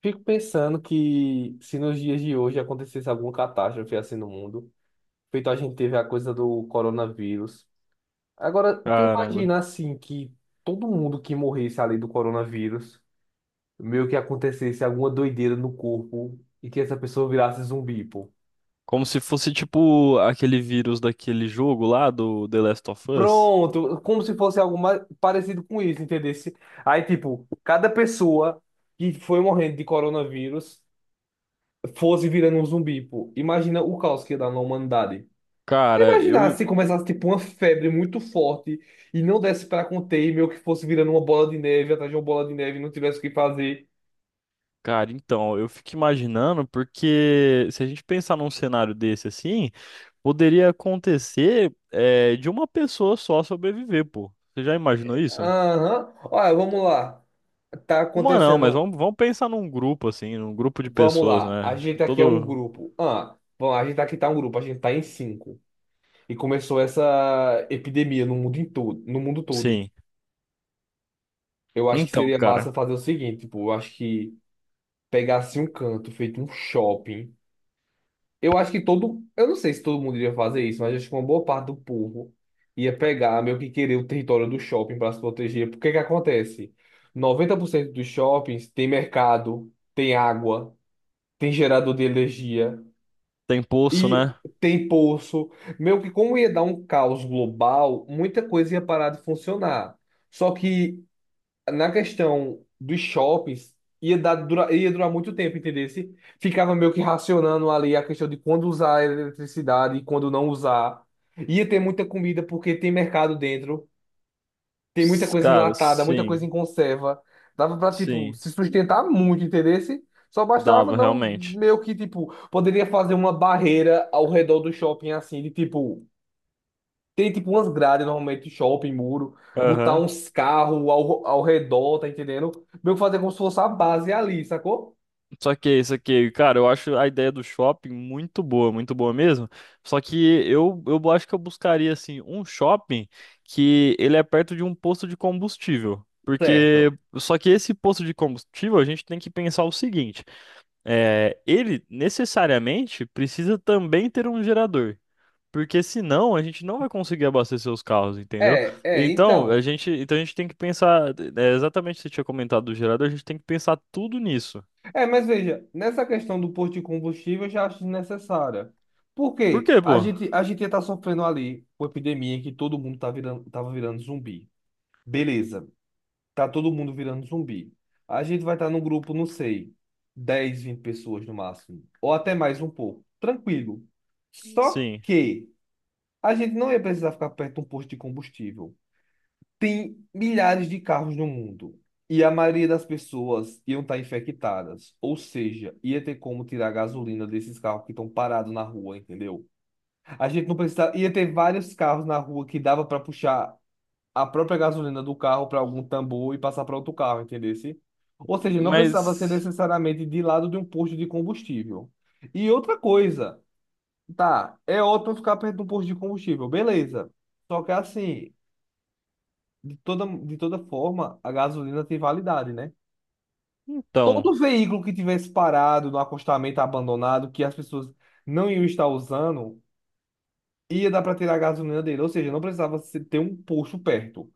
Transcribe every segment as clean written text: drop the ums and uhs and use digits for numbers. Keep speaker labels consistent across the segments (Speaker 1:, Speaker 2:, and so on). Speaker 1: Fico pensando que se nos dias de hoje acontecesse alguma catástrofe assim no mundo, feito a gente teve a coisa do coronavírus. Agora, tu
Speaker 2: Caramba.
Speaker 1: imagina assim que todo mundo que morresse ali do coronavírus, meio que acontecesse alguma doideira no corpo e que essa pessoa virasse zumbi, pô.
Speaker 2: Como se fosse tipo aquele vírus daquele jogo lá do The Last of Us.
Speaker 1: Pronto, como se fosse algo mais parecido com isso, entendesse? Aí, tipo, cada pessoa que foi morrendo de coronavírus fosse virando um zumbi, pô. Imagina o caos que ia dar na humanidade.
Speaker 2: Cara,
Speaker 1: Imaginar
Speaker 2: eu.
Speaker 1: se começasse tipo uma febre muito forte e não desse para conter e meio que fosse virando uma bola de neve atrás de uma bola de neve e não tivesse o que fazer.
Speaker 2: Cara, então, eu fico imaginando porque se a gente pensar num cenário desse assim, poderia acontecer de uma pessoa só sobreviver, pô. Você já imaginou isso?
Speaker 1: Aham. Olha, vamos lá. Tá
Speaker 2: Uma não, mas
Speaker 1: acontecendo.
Speaker 2: vamos pensar num grupo assim, num grupo de
Speaker 1: Vamos
Speaker 2: pessoas,
Speaker 1: lá.
Speaker 2: né?
Speaker 1: A
Speaker 2: Acho que
Speaker 1: gente aqui é um
Speaker 2: todo.
Speaker 1: grupo. Ah, bom, a gente aqui tá um grupo. A gente tá em cinco. E começou essa epidemia no mundo em todo, no mundo todo.
Speaker 2: Sim.
Speaker 1: Eu acho que
Speaker 2: Então,
Speaker 1: seria massa
Speaker 2: cara,
Speaker 1: fazer o seguinte, tipo, eu acho que pegasse um canto feito um shopping. Eu acho que todo. Eu não sei se todo mundo iria fazer isso, mas acho que uma boa parte do povo ia pegar, meio que querer o território do shopping para se proteger. Porque que acontece? 90% dos shoppings tem mercado, tem água, tem gerador de energia
Speaker 2: tem pulso,
Speaker 1: e
Speaker 2: né?
Speaker 1: tem poço. Meio que como ia dar um caos global, muita coisa ia parar de funcionar. Só que na questão dos shoppings, ia dar, dura, ia durar muito tempo, entendesse? Ficava meio que racionando ali a questão de quando usar a eletricidade e quando não usar. Ia ter muita comida porque tem mercado dentro, tem muita coisa
Speaker 2: Cara,
Speaker 1: enlatada, muita coisa
Speaker 2: sim,
Speaker 1: em conserva. Dava pra, tipo,
Speaker 2: sim.
Speaker 1: se sustentar muito, entendesse? Só bastava
Speaker 2: Dava,
Speaker 1: não
Speaker 2: realmente.
Speaker 1: meio que, tipo, poderia fazer uma barreira ao redor do shopping assim, de tipo, tem tipo umas grades normalmente de shopping, muro, botar
Speaker 2: Aham.
Speaker 1: uns carros ao redor, tá entendendo? Meio que fazer como se fosse a base ali, sacou?
Speaker 2: Só que, é isso aqui, cara, eu acho a ideia do shopping muito boa mesmo. Só que eu acho que eu buscaria, assim, um shopping que ele é perto de um posto de combustível. Porque,
Speaker 1: Certo.
Speaker 2: só que esse posto de combustível, a gente tem que pensar o seguinte: ele necessariamente precisa também ter um gerador. Porque senão a gente não vai conseguir abastecer os carros, entendeu?
Speaker 1: É, é, então.
Speaker 2: Então a gente tem que pensar, exatamente o que você tinha comentado do gerador, a gente tem que pensar tudo nisso.
Speaker 1: É, mas veja, nessa questão do posto de combustível eu já acho desnecessária. Por
Speaker 2: Por
Speaker 1: quê?
Speaker 2: quê,
Speaker 1: A
Speaker 2: pô?
Speaker 1: gente, a gente ia estar sofrendo ali com a epidemia que todo mundo tá virando, tava virando zumbi. Beleza. Tá todo mundo virando zumbi. A gente vai estar num grupo, não sei, 10 20 pessoas no máximo, ou até mais um pouco, tranquilo. Só
Speaker 2: Sim,
Speaker 1: que a gente não ia precisar ficar perto de um posto de combustível. Tem milhares de carros no mundo. E a maioria das pessoas iam estar infectadas. Ou seja, ia ter como tirar a gasolina desses carros que estão parados na rua, entendeu? A gente não precisava. Ia ter vários carros na rua que dava para puxar a própria gasolina do carro para algum tambor e passar para outro carro, entendesse? Ou seja, não precisava ser
Speaker 2: mas
Speaker 1: necessariamente de lado de um posto de combustível. E outra coisa, tá, é ótimo ficar perto de um posto de combustível, beleza. Só que assim, de toda forma, a gasolina tem validade, né?
Speaker 2: então,
Speaker 1: Todo veículo que tivesse parado no acostamento abandonado, que as pessoas não iam estar usando, ia dar para tirar a gasolina dele. Ou seja, não precisava ter um posto perto.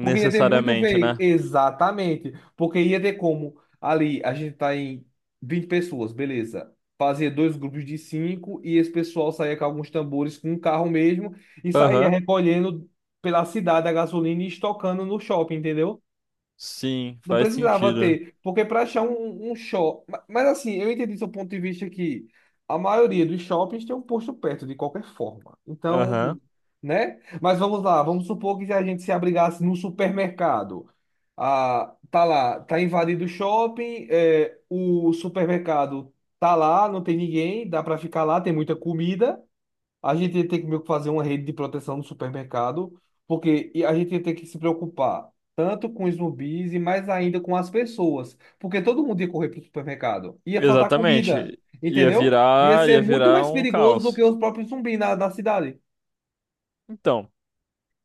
Speaker 1: Porque ia ter muito veículo.
Speaker 2: né?
Speaker 1: Exatamente. Porque ia ter como. Ali, a gente tá em 20 pessoas, beleza. Fazia dois grupos de cinco e esse pessoal saía com alguns tambores com um carro mesmo e saía
Speaker 2: Aham,
Speaker 1: recolhendo pela cidade a gasolina e estocando no shopping, entendeu?
Speaker 2: sim,
Speaker 1: Não
Speaker 2: faz
Speaker 1: precisava
Speaker 2: sentido.
Speaker 1: ter, porque para achar um shopping. Mas assim, eu entendi seu ponto de vista que a maioria dos shoppings tem um posto perto, de qualquer forma. Então,
Speaker 2: Aham,
Speaker 1: né? Mas vamos lá, vamos supor que se a gente se abrigasse num supermercado. Ah, tá lá, tá invadido o shopping, é, o supermercado tá lá, não tem ninguém, dá para ficar lá, tem muita comida. A gente ia ter que meio que fazer uma rede de proteção no supermercado, porque e a gente ia ter que se preocupar tanto com os zumbis e mais ainda com as pessoas, porque todo mundo ia correr para o supermercado. Ia faltar comida,
Speaker 2: exatamente. Ia
Speaker 1: entendeu? Ia
Speaker 2: virar, ia
Speaker 1: ser muito
Speaker 2: virar
Speaker 1: mais
Speaker 2: um
Speaker 1: perigoso do que
Speaker 2: caos.
Speaker 1: os próprios zumbis na cidade.
Speaker 2: Então,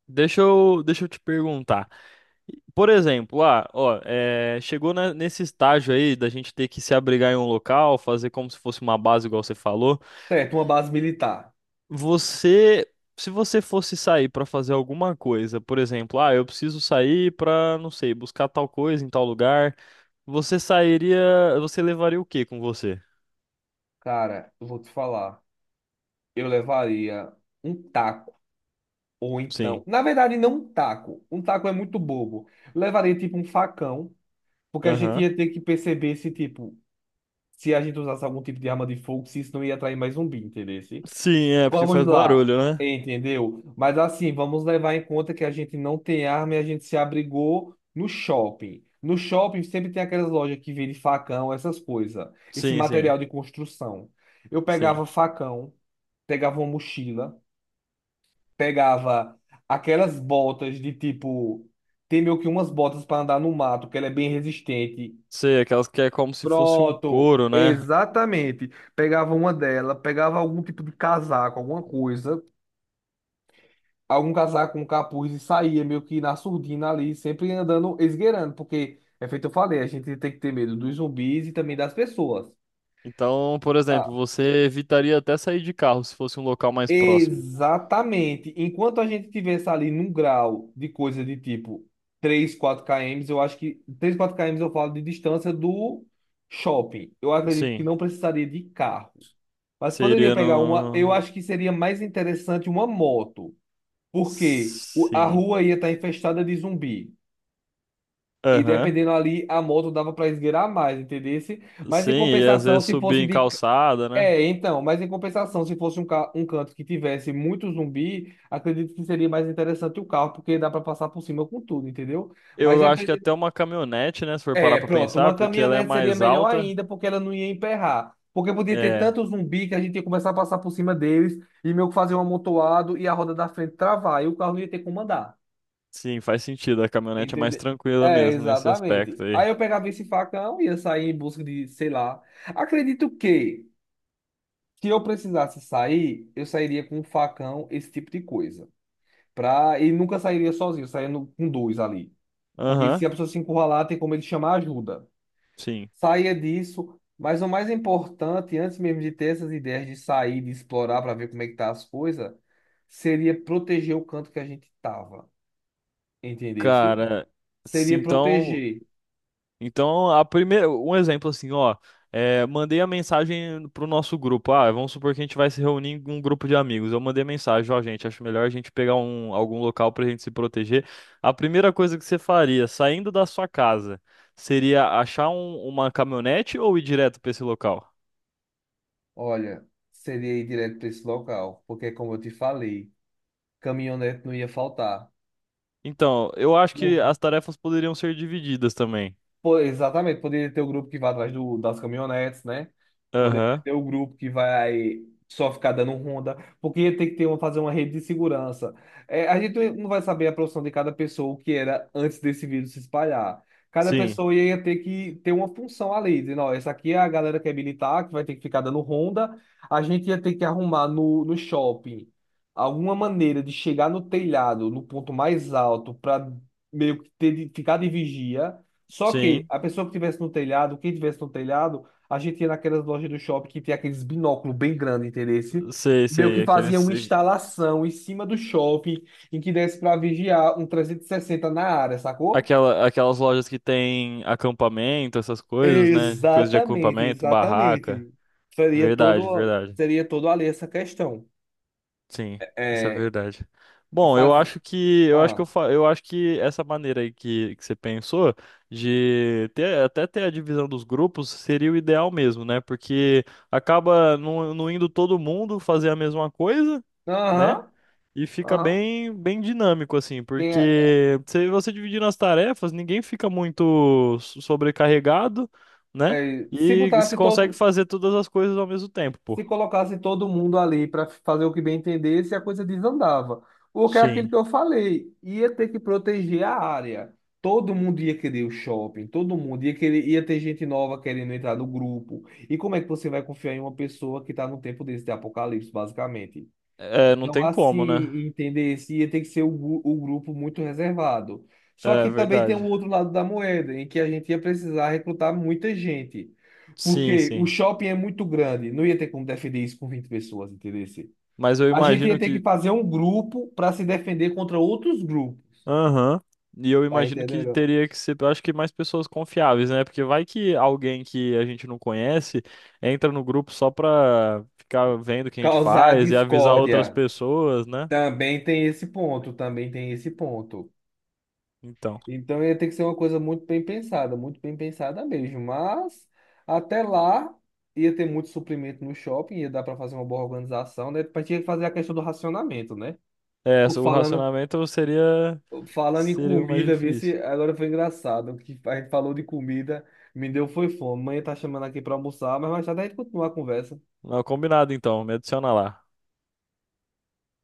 Speaker 2: deixa eu te perguntar. Por exemplo, ah, ó, nesse estágio aí da gente ter que se abrigar em um local, fazer como se fosse uma base, igual você falou.
Speaker 1: Certo, uma base militar.
Speaker 2: Você, se você fosse sair pra fazer alguma coisa, por exemplo, ah, eu preciso sair pra, não sei, buscar tal coisa em tal lugar, você sairia, você levaria o quê com você?
Speaker 1: Cara, eu vou te falar, eu levaria um taco, ou então,
Speaker 2: Sim.
Speaker 1: na verdade, não um taco. Um taco é muito bobo. Levaria tipo um facão, porque a gente
Speaker 2: Aham.
Speaker 1: ia ter que perceber se tipo se a gente usasse algum tipo de arma de fogo, se isso não ia atrair mais zumbi, entendeu?
Speaker 2: Sim, é, porque
Speaker 1: Vamos
Speaker 2: faz
Speaker 1: lá,
Speaker 2: barulho, né?
Speaker 1: entendeu? Mas assim, vamos levar em conta que a gente não tem arma e a gente se abrigou no shopping. No shopping sempre tem aquelas lojas que vendem facão, essas coisas, esse
Speaker 2: Sim, sim,
Speaker 1: material de construção. Eu pegava
Speaker 2: sim.
Speaker 1: facão, pegava uma mochila, pegava aquelas botas de tipo. Tem meio que umas botas para andar no mato, que ela é bem resistente.
Speaker 2: Sei, aquelas que é como se fosse um
Speaker 1: Pronto,
Speaker 2: couro, né?
Speaker 1: exatamente. Pegava uma dela, pegava algum tipo de casaco, alguma coisa, algum casaco, um capuz e saía meio que na surdina ali, sempre andando, esgueirando, porque é feito eu falei, a gente tem que ter medo dos zumbis e também das pessoas.
Speaker 2: Então, por
Speaker 1: Ah,
Speaker 2: exemplo, você evitaria até sair de carro se fosse um local mais próximo.
Speaker 1: exatamente. Enquanto a gente tivesse ali num grau de coisa de tipo 3 4 km, eu acho que 3 4 km eu falo de distância do shopping. Eu acredito que
Speaker 2: Sim,
Speaker 1: não precisaria de carro. Mas poderia
Speaker 2: seria
Speaker 1: pegar uma. Eu
Speaker 2: no.
Speaker 1: acho que seria mais interessante uma moto, porque a
Speaker 2: Sim.
Speaker 1: rua ia estar infestada de zumbi. E
Speaker 2: Aham.
Speaker 1: dependendo ali, a moto dava para esgueirar mais, entendesse? Mas
Speaker 2: Sim,
Speaker 1: em
Speaker 2: e às
Speaker 1: compensação,
Speaker 2: vezes
Speaker 1: se
Speaker 2: subir
Speaker 1: fosse
Speaker 2: em
Speaker 1: de.
Speaker 2: calçada, né?
Speaker 1: É, então, mas em compensação, se fosse um, um canto que tivesse muito zumbi, acredito que seria mais interessante o carro, porque dá para passar por cima com tudo, entendeu? Mas
Speaker 2: Eu acho que até
Speaker 1: dependendo.
Speaker 2: uma caminhonete, né? Se for parar
Speaker 1: É,
Speaker 2: pra
Speaker 1: pronto,
Speaker 2: pensar,
Speaker 1: uma
Speaker 2: porque ela é
Speaker 1: caminhonete seria
Speaker 2: mais
Speaker 1: melhor
Speaker 2: alta.
Speaker 1: ainda, porque ela não ia emperrar. Porque podia ter
Speaker 2: É,
Speaker 1: tanto zumbi que a gente ia começar a passar por cima deles e meio que fazer um amontoado e a roda da frente travar, e o carro não ia ter como andar.
Speaker 2: sim, faz sentido. A caminhonete é mais
Speaker 1: Entendeu?
Speaker 2: tranquila
Speaker 1: É,
Speaker 2: mesmo nesse
Speaker 1: exatamente.
Speaker 2: aspecto aí.
Speaker 1: Aí eu pegava esse facão e ia sair em busca de, sei lá. Acredito que, se eu precisasse sair, eu sairia com um facão, esse tipo de coisa. Pra... E nunca sairia sozinho, eu sairia com dois ali. Porque
Speaker 2: Aham,
Speaker 1: se a pessoa se encurralar, tem como ele chamar ajuda.
Speaker 2: sim.
Speaker 1: Saia disso. Mas o mais importante, antes mesmo de ter essas ideias de sair, de explorar para ver como é que tá as coisas, seria proteger o canto que a gente tava, entendesse?
Speaker 2: Cara, se
Speaker 1: Seria
Speaker 2: então.
Speaker 1: proteger.
Speaker 2: Então, a primeira, um exemplo assim, ó, mandei a mensagem pro nosso grupo. Ah, vamos supor que a gente vai se reunir em um grupo de amigos. Eu mandei mensagem, ó, gente, acho melhor a gente pegar um, algum local pra gente se proteger. A primeira coisa que você faria, saindo da sua casa, seria uma caminhonete ou ir direto pra esse local?
Speaker 1: Olha, seria ir direto para esse local, porque como eu te falei, caminhonete não ia faltar.
Speaker 2: Então, eu acho que as tarefas poderiam ser divididas também.
Speaker 1: Pô, exatamente, poderia ter o grupo que vai atrás do, das caminhonetes, né? Poderia
Speaker 2: Aham,
Speaker 1: ter o grupo que vai só ficar dando ronda, porque ia ter que ter uma, fazer uma rede de segurança. É, a gente não vai saber a profissão de cada pessoa, o que era antes desse vírus se espalhar. Cada
Speaker 2: sim,
Speaker 1: pessoa ia ter que ter uma função ali, dizendo, ó, essa aqui é a galera que é militar, que vai ter que ficar dando ronda. A gente ia ter que arrumar no shopping alguma maneira de chegar no telhado, no ponto mais alto, para meio que ter, ficar de vigia, só que
Speaker 2: sim,
Speaker 1: a pessoa que tivesse no telhado, quem tivesse no telhado, a gente ia naquelas lojas do shopping que tem aqueles binóculos bem grandes, entendeu?
Speaker 2: sei,
Speaker 1: Meio que
Speaker 2: sei,
Speaker 1: fazia
Speaker 2: aqueles.
Speaker 1: uma instalação em cima do shopping em que desse para vigiar um 360 na área, sacou?
Speaker 2: Aquela, aquelas lojas que tem acampamento, essas coisas, né? Coisa de
Speaker 1: Exatamente,
Speaker 2: acampamento, barraca.
Speaker 1: exatamente.
Speaker 2: Verdade, verdade.
Speaker 1: Seria todo ali essa questão.
Speaker 2: Sim, isso é
Speaker 1: É,
Speaker 2: verdade. Bom,
Speaker 1: faz...
Speaker 2: eu acho que eu acho que
Speaker 1: Ah,
Speaker 2: eu, fa- eu acho que essa maneira aí que você pensou de ter a divisão dos grupos seria o ideal mesmo, né? Porque acaba não indo todo mundo fazer a mesma coisa, né?
Speaker 1: aham,
Speaker 2: E fica
Speaker 1: aham.
Speaker 2: bem dinâmico, assim,
Speaker 1: Tem,
Speaker 2: porque se você dividir nas tarefas, ninguém fica muito sobrecarregado, né?
Speaker 1: se
Speaker 2: E se
Speaker 1: botasse
Speaker 2: consegue
Speaker 1: todo,
Speaker 2: fazer todas as coisas ao mesmo tempo, pô.
Speaker 1: se colocasse todo mundo ali para fazer o que bem entendesse, a coisa desandava. O que é aquilo
Speaker 2: Sim.
Speaker 1: que eu falei, ia ter que proteger a área. Todo mundo ia querer o shopping, todo mundo ia querer, ia ter gente nova querendo entrar no grupo. E como é que você vai confiar em uma pessoa que está num tempo desse de apocalipse, basicamente?
Speaker 2: É, não
Speaker 1: Então,
Speaker 2: tem
Speaker 1: assim,
Speaker 2: como, né?
Speaker 1: entender isso, ia ter que ser o, o grupo muito reservado. Só
Speaker 2: É
Speaker 1: que também tem o
Speaker 2: verdade.
Speaker 1: outro lado da moeda, em que a gente ia precisar recrutar muita gente.
Speaker 2: Sim,
Speaker 1: Porque o
Speaker 2: sim.
Speaker 1: shopping é muito grande, não ia ter como defender isso com 20 pessoas, entendeu?
Speaker 2: Mas eu
Speaker 1: A gente ia
Speaker 2: imagino
Speaker 1: ter que
Speaker 2: que.
Speaker 1: fazer um grupo para se defender contra outros grupos,
Speaker 2: Aham. E eu
Speaker 1: tá
Speaker 2: imagino que
Speaker 1: entendendo?
Speaker 2: teria que ser, eu acho que mais pessoas confiáveis, né? Porque vai que alguém que a gente não conhece entra no grupo só pra ficar vendo o que a gente
Speaker 1: Causar
Speaker 2: faz e avisar outras
Speaker 1: discórdia.
Speaker 2: pessoas, né?
Speaker 1: Também tem esse ponto, também tem esse ponto.
Speaker 2: Então,
Speaker 1: Então ia ter que ser uma coisa muito bem pensada mesmo. Mas até lá ia ter muito suprimento no shopping, ia dar para fazer uma boa organização, né? Mas tinha que fazer a questão do racionamento, né?
Speaker 2: é,
Speaker 1: Tô
Speaker 2: o
Speaker 1: falando,
Speaker 2: racionamento seria
Speaker 1: falando em
Speaker 2: seria o mais
Speaker 1: comida, vê se
Speaker 2: difícil.
Speaker 1: agora foi engraçado. Que a gente falou de comida, me deu foi fome. Mãe tá chamando aqui para almoçar, mas mais tarde a gente continua a conversa.
Speaker 2: Não, combinado então, me adiciona lá.